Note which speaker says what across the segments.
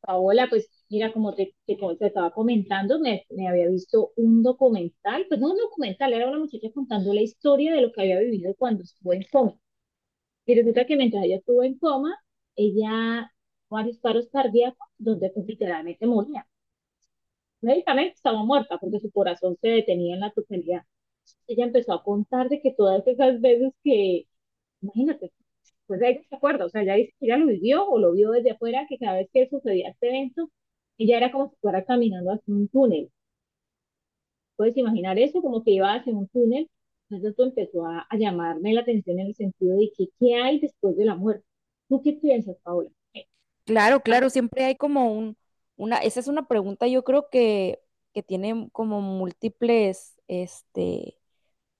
Speaker 1: Paola, pues mira, como te estaba comentando, me había visto un documental, pues no un documental, era una muchacha contando la historia de lo que había vivido cuando estuvo en coma. Y resulta que mientras ella estuvo en coma, ella tuvo varios paros cardíacos donde pues, literalmente moría. Médicamente estaba muerta porque su corazón se detenía en la totalidad. Ella empezó a contar de que todas esas veces que, imagínate, pues ella se acuerda, o sea, ella dice que ella lo vivió o lo vio desde afuera, que cada vez que sucedía este evento, ella era como si fuera caminando hacia un túnel. Puedes imaginar eso, como que iba hacia un túnel. Entonces esto empezó a llamarme la atención en el sentido de que, ¿qué hay después de la muerte? ¿Tú qué piensas, Paola? ¿Qué
Speaker 2: Claro,
Speaker 1: pasa?
Speaker 2: claro, siempre hay como un, una, esa es una pregunta yo creo que tiene como múltiples,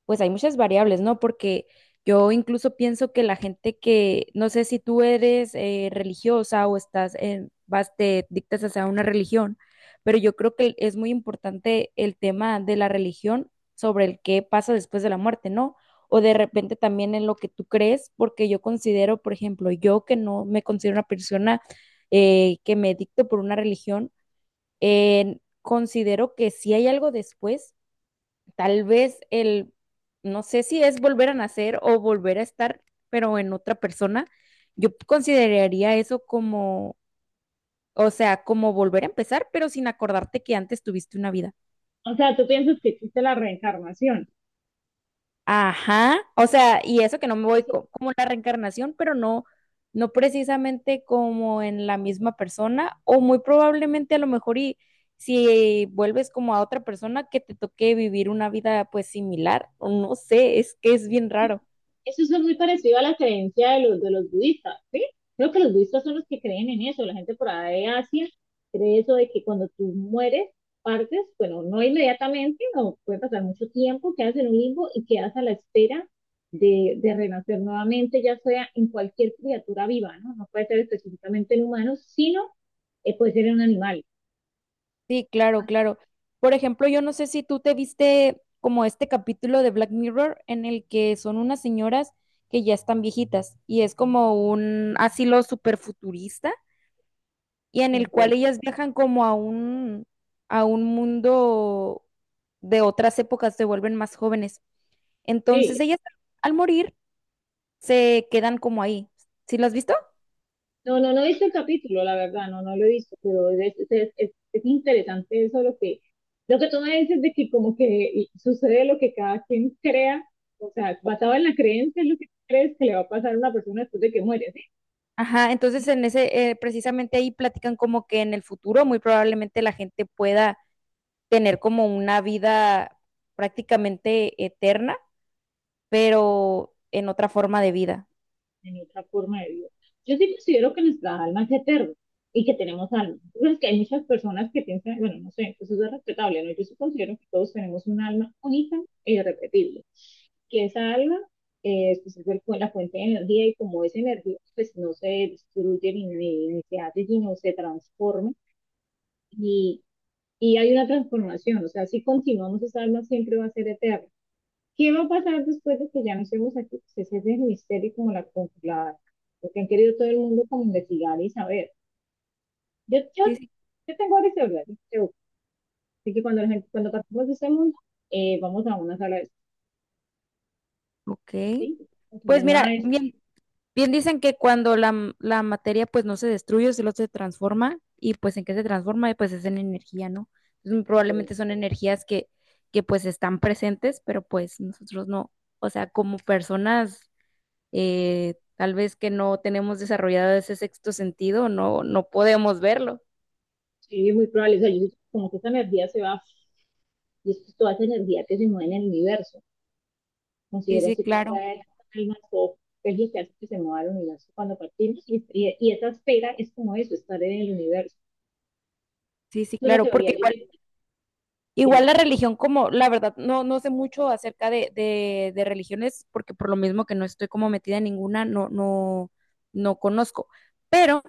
Speaker 2: pues hay muchas variables, ¿no? Porque yo incluso pienso que la gente que, no sé si tú eres religiosa o estás en, vas, te dictas hacia una religión, pero yo creo que es muy importante el tema de la religión sobre el qué pasa después de la muerte, ¿no? O de repente también en lo que tú crees, porque yo considero, por ejemplo, yo que no me considero una persona que me dicto por una religión, considero que si hay algo después, tal vez el, no sé si es volver a nacer o volver a estar, pero en otra persona, yo consideraría eso como, o sea, como volver a empezar, pero sin acordarte que antes tuviste una vida.
Speaker 1: O sea, tú piensas que existe la reencarnación.
Speaker 2: Ajá, o sea, y eso que no me voy
Speaker 1: Dice
Speaker 2: como la reencarnación, pero no, no precisamente como en la misma persona, o muy probablemente a lo mejor y si vuelves como a otra persona que te toque vivir una vida pues similar, o no sé, es que es bien raro.
Speaker 1: eso es muy parecido a la creencia de los budistas, ¿sí? Creo que los budistas son los que creen en eso. La gente por ahí de Asia cree eso de que cuando tú mueres, partes, bueno, no inmediatamente, no puede pasar mucho tiempo, quedas en un limbo y quedas a la espera de renacer nuevamente, ya sea en cualquier criatura viva, ¿no? No puede ser específicamente en humanos, sino puede ser en un animal.
Speaker 2: Sí, claro, claro. Por ejemplo, yo no sé si tú te viste como este capítulo de Black Mirror en el que son unas señoras que ya están viejitas y es como un asilo súper futurista y en el cual ellas viajan como a un mundo de otras épocas, se vuelven más jóvenes. Entonces
Speaker 1: Sí,
Speaker 2: ellas al morir se quedan como ahí. ¿Sí lo has visto?
Speaker 1: no, no, no he visto el capítulo, la verdad, no, no lo he visto, pero es interesante eso lo que tú me dices de que como que sucede lo que cada quien crea, o sea, basado en la creencia es lo que crees que le va a pasar a una persona después de que muere,
Speaker 2: Ajá, entonces en ese, precisamente ahí platican como que en el futuro muy probablemente la gente pueda tener como una vida prácticamente eterna, pero en otra forma de vida.
Speaker 1: en otra forma de vida. Yo sí considero que nuestra alma es eterna y que tenemos alma. Entonces, que hay muchas personas que piensan, bueno, no sé, pues eso es respetable, ¿no? Yo sí considero que todos tenemos un alma única e irrepetible, que esa alma pues es el, la fuente de energía y como esa energía pues no se destruye ni se hace, sino se transforma y, y hay una transformación, o sea, si continuamos esa alma siempre va a ser eterna. ¿Qué va a pasar después de que ya no estemos aquí? Pues ese es el misterio como la conclusión, lo que han querido todo el mundo como investigar y saber. Yo, yo,
Speaker 2: Sí, sí.
Speaker 1: yo tengo varias teorías, yo creo. Así que cuando, la gente, cuando partimos de este mundo, vamos a una sala de
Speaker 2: Ok.
Speaker 1: sí, se
Speaker 2: Pues mira,
Speaker 1: llama este,
Speaker 2: bien. Bien dicen que cuando la materia pues no se destruye, solo se transforma y pues en qué se transforma, pues es en energía, ¿no? Entonces, probablemente son energías que pues están presentes, pero pues nosotros no, o sea, como personas tal vez que no tenemos desarrollado ese sexto sentido, no, no podemos verlo.
Speaker 1: sí, es muy probable, o sea, yo siento como que esta energía se va, y esto es toda esa energía que se mueve en el universo,
Speaker 2: Sí,
Speaker 1: considero
Speaker 2: sí,
Speaker 1: así que
Speaker 2: claro.
Speaker 1: trae almas o es lo que hace que se mueva el universo cuando partimos, y esa esfera es como eso, estar en el universo.
Speaker 2: Sí, sí,
Speaker 1: Es una
Speaker 2: claro, porque
Speaker 1: teoría, yo
Speaker 2: igual
Speaker 1: tengo.
Speaker 2: igual
Speaker 1: Bien,
Speaker 2: la religión, como la verdad, no, no sé mucho acerca de religiones, porque por lo mismo que no estoy como metida en ninguna, no, no, no conozco. Pero,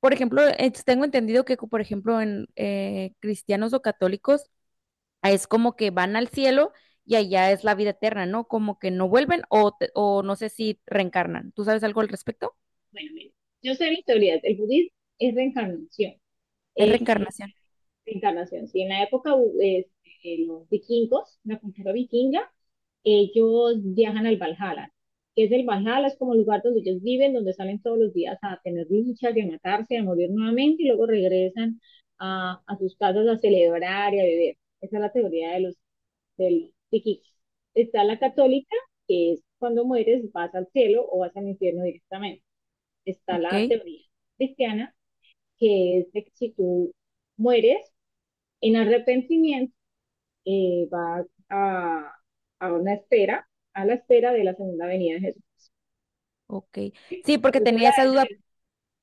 Speaker 2: por ejemplo, tengo entendido que, por ejemplo, en cristianos o católicos, ah, es como que van al cielo y allá es la vida eterna, ¿no? Como que no vuelven o, o no sé si reencarnan. ¿Tú sabes algo al respecto?
Speaker 1: bueno, mire, yo sé mis teorías. El budismo es reencarnación.
Speaker 2: Es
Speaker 1: Eh,
Speaker 2: reencarnación.
Speaker 1: reencarnación. Si en la época los vikingos, la cultura vikinga, ellos viajan al Valhalla. Que es el Valhalla? Es como el lugar donde ellos viven, donde salen todos los días a tener luchas y a matarse, a morir nuevamente y luego regresan a sus casas a celebrar y a beber. Esa es la teoría de los, del vikingos. Está la católica, que es cuando mueres vas al cielo o vas al infierno directamente. Está
Speaker 2: Ok,
Speaker 1: la teoría cristiana, que es de que si tú mueres en arrepentimiento, eh, vas a, a una espera, a la espera de la segunda venida de Jesús.
Speaker 2: ok. Sí, porque
Speaker 1: Cuando, sea
Speaker 2: tenía esa
Speaker 1: la-
Speaker 2: duda.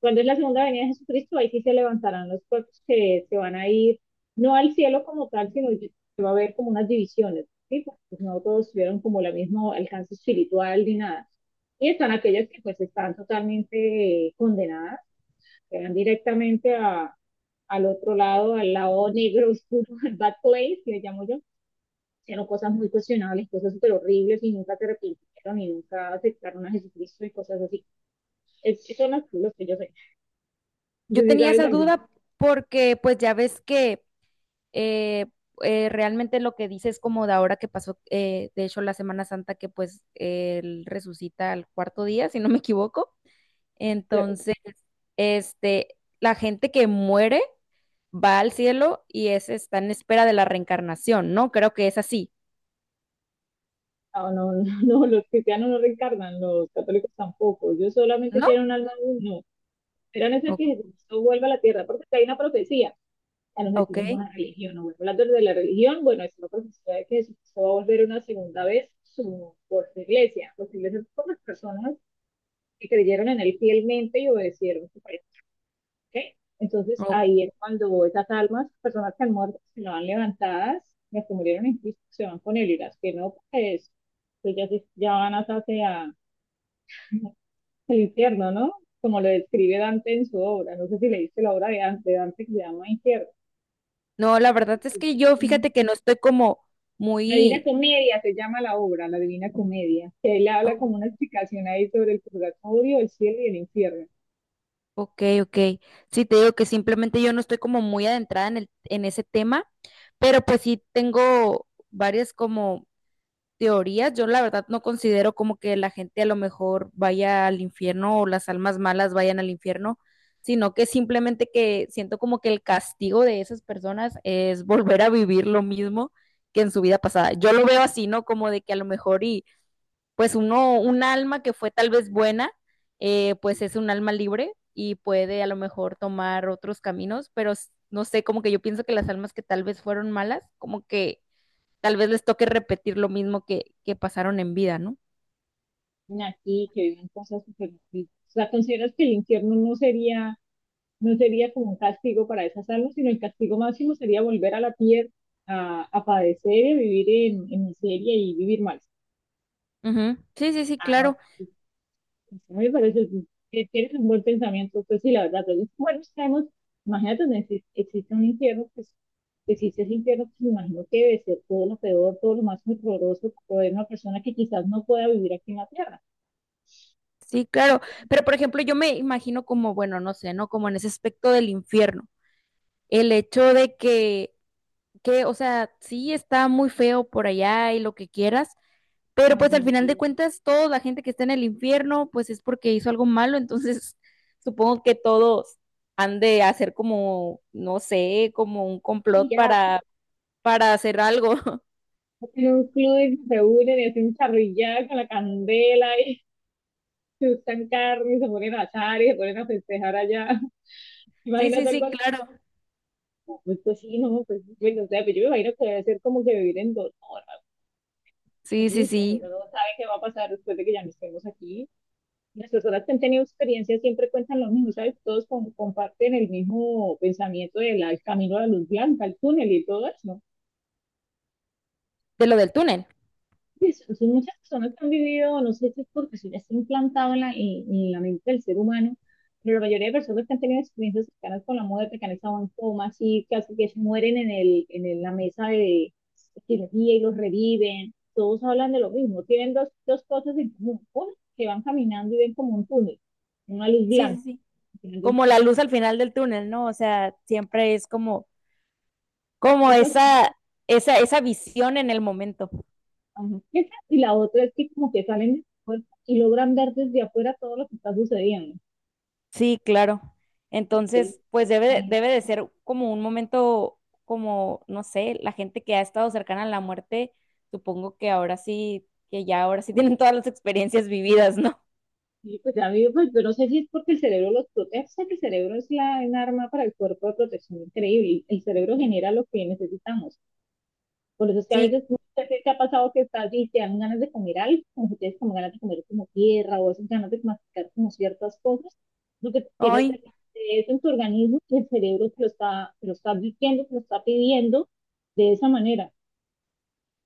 Speaker 1: cuando es la segunda venida de Jesucristo, ahí sí se levantarán los cuerpos que se van a ir, no al cielo como tal, sino que va a haber como unas divisiones, ¿sí? Pues, no todos tuvieron como el mismo alcance espiritual ni nada. Y están aquellas que pues están totalmente condenadas, que van directamente a, al otro lado, al lado negro, oscuro, al bad place, que le llamo yo, hicieron cosas muy cuestionables, cosas súper horribles y nunca se arrepintieron y nunca aceptaron a Jesucristo y cosas así. Son los que yo sé. No sé
Speaker 2: Yo
Speaker 1: si
Speaker 2: tenía esa
Speaker 1: sabes,
Speaker 2: duda porque pues ya ves que eh, realmente lo que dice es como de ahora que pasó, de hecho, la Semana Santa, que pues él resucita al cuarto día, si no me equivoco. Entonces, este, la gente que muere va al cielo y es, está en espera de la reencarnación, ¿no? Creo que es así,
Speaker 1: no, no, no, los cristianos no reencarnan, los católicos tampoco. Ellos solamente
Speaker 2: ¿no?
Speaker 1: tienen un alma, no. Esperan es el que
Speaker 2: O-
Speaker 1: Jesucristo vuelva a la tierra, porque hay una profecía. A los que
Speaker 2: ok.
Speaker 1: vimos a la religión, no vuelvo a de la religión, bueno, es una profecía de que Jesucristo va a volver una segunda vez su, por su iglesia, por su iglesia, por las personas que creyeron en él fielmente y obedecieron su palabra. ¿Ok? Entonces
Speaker 2: o-
Speaker 1: ahí es cuando esas almas, personas que han muerto, se lo han levantadas, las que murieron en Cristo se van con él y las que no, pues, pues ya, se- ya van hasta hacia el infierno, ¿no? Como lo describe Dante en su obra. No sé si leíste la obra de Dante, Dante que se llama Infierno.
Speaker 2: no, la verdad es que yo, fíjate que no estoy como
Speaker 1: La Divina
Speaker 2: muy...
Speaker 1: Comedia se llama la obra, la Divina Comedia, que él habla como una explicación ahí sobre el purgatorio, el cielo y el infierno.
Speaker 2: Ok, ok. Sí, te digo que simplemente yo no estoy como muy adentrada en el, en ese tema, pero pues sí tengo varias como teorías. Yo la verdad no considero como que la gente a lo mejor vaya al infierno o las almas malas vayan al infierno, sino que simplemente que siento como que el castigo de esas personas es volver a vivir lo mismo que en su vida pasada. Yo lo veo así, ¿no? Como de que a lo mejor y pues uno, un alma que fue tal vez buena, pues es un alma libre y puede a lo mejor tomar otros caminos, pero no sé, como que yo pienso que las almas que tal vez fueron malas, como que tal vez les toque repetir lo mismo que pasaron en vida, ¿no?
Speaker 1: Aquí, que viven cosas súper... O sea, ¿consideras que el infierno no sería, no sería como un castigo para esas almas, sino el castigo máximo sería volver a la tierra a padecer y a vivir en miseria y vivir mal?
Speaker 2: Ujú. Sí, sí, sí,
Speaker 1: Ah, no,
Speaker 2: claro,
Speaker 1: pues, a me parece que tienes un buen pensamiento, pues sí, la verdad, entonces, bueno, sabemos, imagínate, existe, existe un infierno, pues que existe ese infierno, pues me imagino que debe ser todo lo peor, todo lo más horroroso, poder una persona que quizás no pueda vivir aquí en la tierra.
Speaker 2: sí, claro. Pero por ejemplo, yo me imagino como, bueno, no sé, ¿no? Como en ese aspecto del infierno, el hecho de que, o sea, sí está muy feo por allá y lo que quieras. Pero
Speaker 1: Más
Speaker 2: pues al final de
Speaker 1: bien,
Speaker 2: cuentas, toda la gente que está en el infierno, pues es porque hizo algo malo, entonces supongo que todos han de hacer como, no sé, como un
Speaker 1: y
Speaker 2: complot
Speaker 1: ya
Speaker 2: para hacer algo.
Speaker 1: en un club y se reúnen y hacen charrillada con la candela y se gustan carne y se ponen a asar y se ponen a festejar allá.
Speaker 2: Sí, sí,
Speaker 1: Imagínate algo
Speaker 2: sí,
Speaker 1: así.
Speaker 2: claro.
Speaker 1: No, pues, pues sí, no, pues, pues no sé, pero yo me imagino que debe ser como que vivir en dolor. Algo. Es
Speaker 2: Sí,
Speaker 1: un
Speaker 2: sí,
Speaker 1: misterio, uno
Speaker 2: sí.
Speaker 1: no sabe qué va a pasar después de que ya no estemos aquí. Las personas que han tenido experiencias siempre cuentan lo mismo, ¿sabes? Todos comparten el mismo pensamiento del al camino a la luz blanca, al túnel y todo eso.
Speaker 2: De lo del túnel.
Speaker 1: Sí, son son muchas personas que han vivido, no sé si es porque eso ya está implantado en en la mente del ser humano, pero la mayoría de personas que han tenido experiencias cercanas con la muerte, que han estado en coma, así casi que se mueren en la mesa de cirugía y los reviven, todos hablan de lo mismo, tienen dos cosas en común, una, que van caminando y ven como un túnel, una luz
Speaker 2: Sí, sí,
Speaker 1: blanca,
Speaker 2: sí.
Speaker 1: tienen
Speaker 2: Como la luz al final del túnel, ¿no? O sea, siempre es como, como
Speaker 1: esos-
Speaker 2: esa visión en el momento.
Speaker 1: ajá, esa, y la otra es que como que salen de su cuerpo y logran ver desde afuera todo lo que está sucediendo.
Speaker 2: Sí, claro. Entonces, pues debe, debe
Speaker 1: Que
Speaker 2: de ser como un momento, como, no sé, la gente que ha estado cercana a la muerte, supongo que ahora sí, que ya ahora sí tienen todas las experiencias vividas, ¿no?
Speaker 1: y pues a mí, pues yo no sé si es porque el cerebro los protege, o sea, que el cerebro es la, un arma para el cuerpo de protección increíble. El cerebro genera lo que necesitamos. Por eso es que a
Speaker 2: Sí,
Speaker 1: veces no sé si te ha pasado que estás y te dan ganas de comer algo, como que tienes como ganas de comer como tierra o esas ganas de masticar como ciertas cosas. Lo que tienes
Speaker 2: hoy.
Speaker 1: de eso en tu organismo, que el cerebro te lo está advirtiendo, te lo está pidiendo de esa manera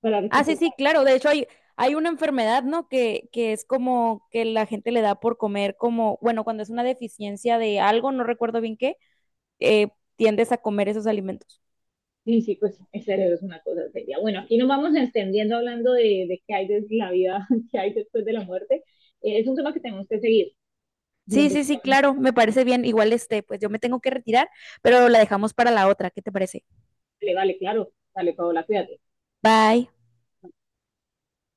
Speaker 1: para
Speaker 2: Ah, sí,
Speaker 1: recuperar.
Speaker 2: sí, claro. De hecho, hay una enfermedad, ¿no? Que es como que la gente le da por comer como, bueno, cuando es una deficiencia de algo, no recuerdo bien qué, eh, tiendes a comer esos alimentos.
Speaker 1: Sí, sí, pues el cerebro es una cosa seria. Bueno, aquí nos vamos extendiendo hablando de qué hay de la vida, qué hay después de la muerte. Es un tema que tenemos que seguir y
Speaker 2: Sí, sí, sí,
Speaker 1: investigar.
Speaker 2: claro, me parece bien. Igual este, pues yo me tengo que retirar, pero la dejamos para la otra. ¿Qué te parece?
Speaker 1: Vale, vale, claro. Dale, Paola, cuídate.
Speaker 2: Bye.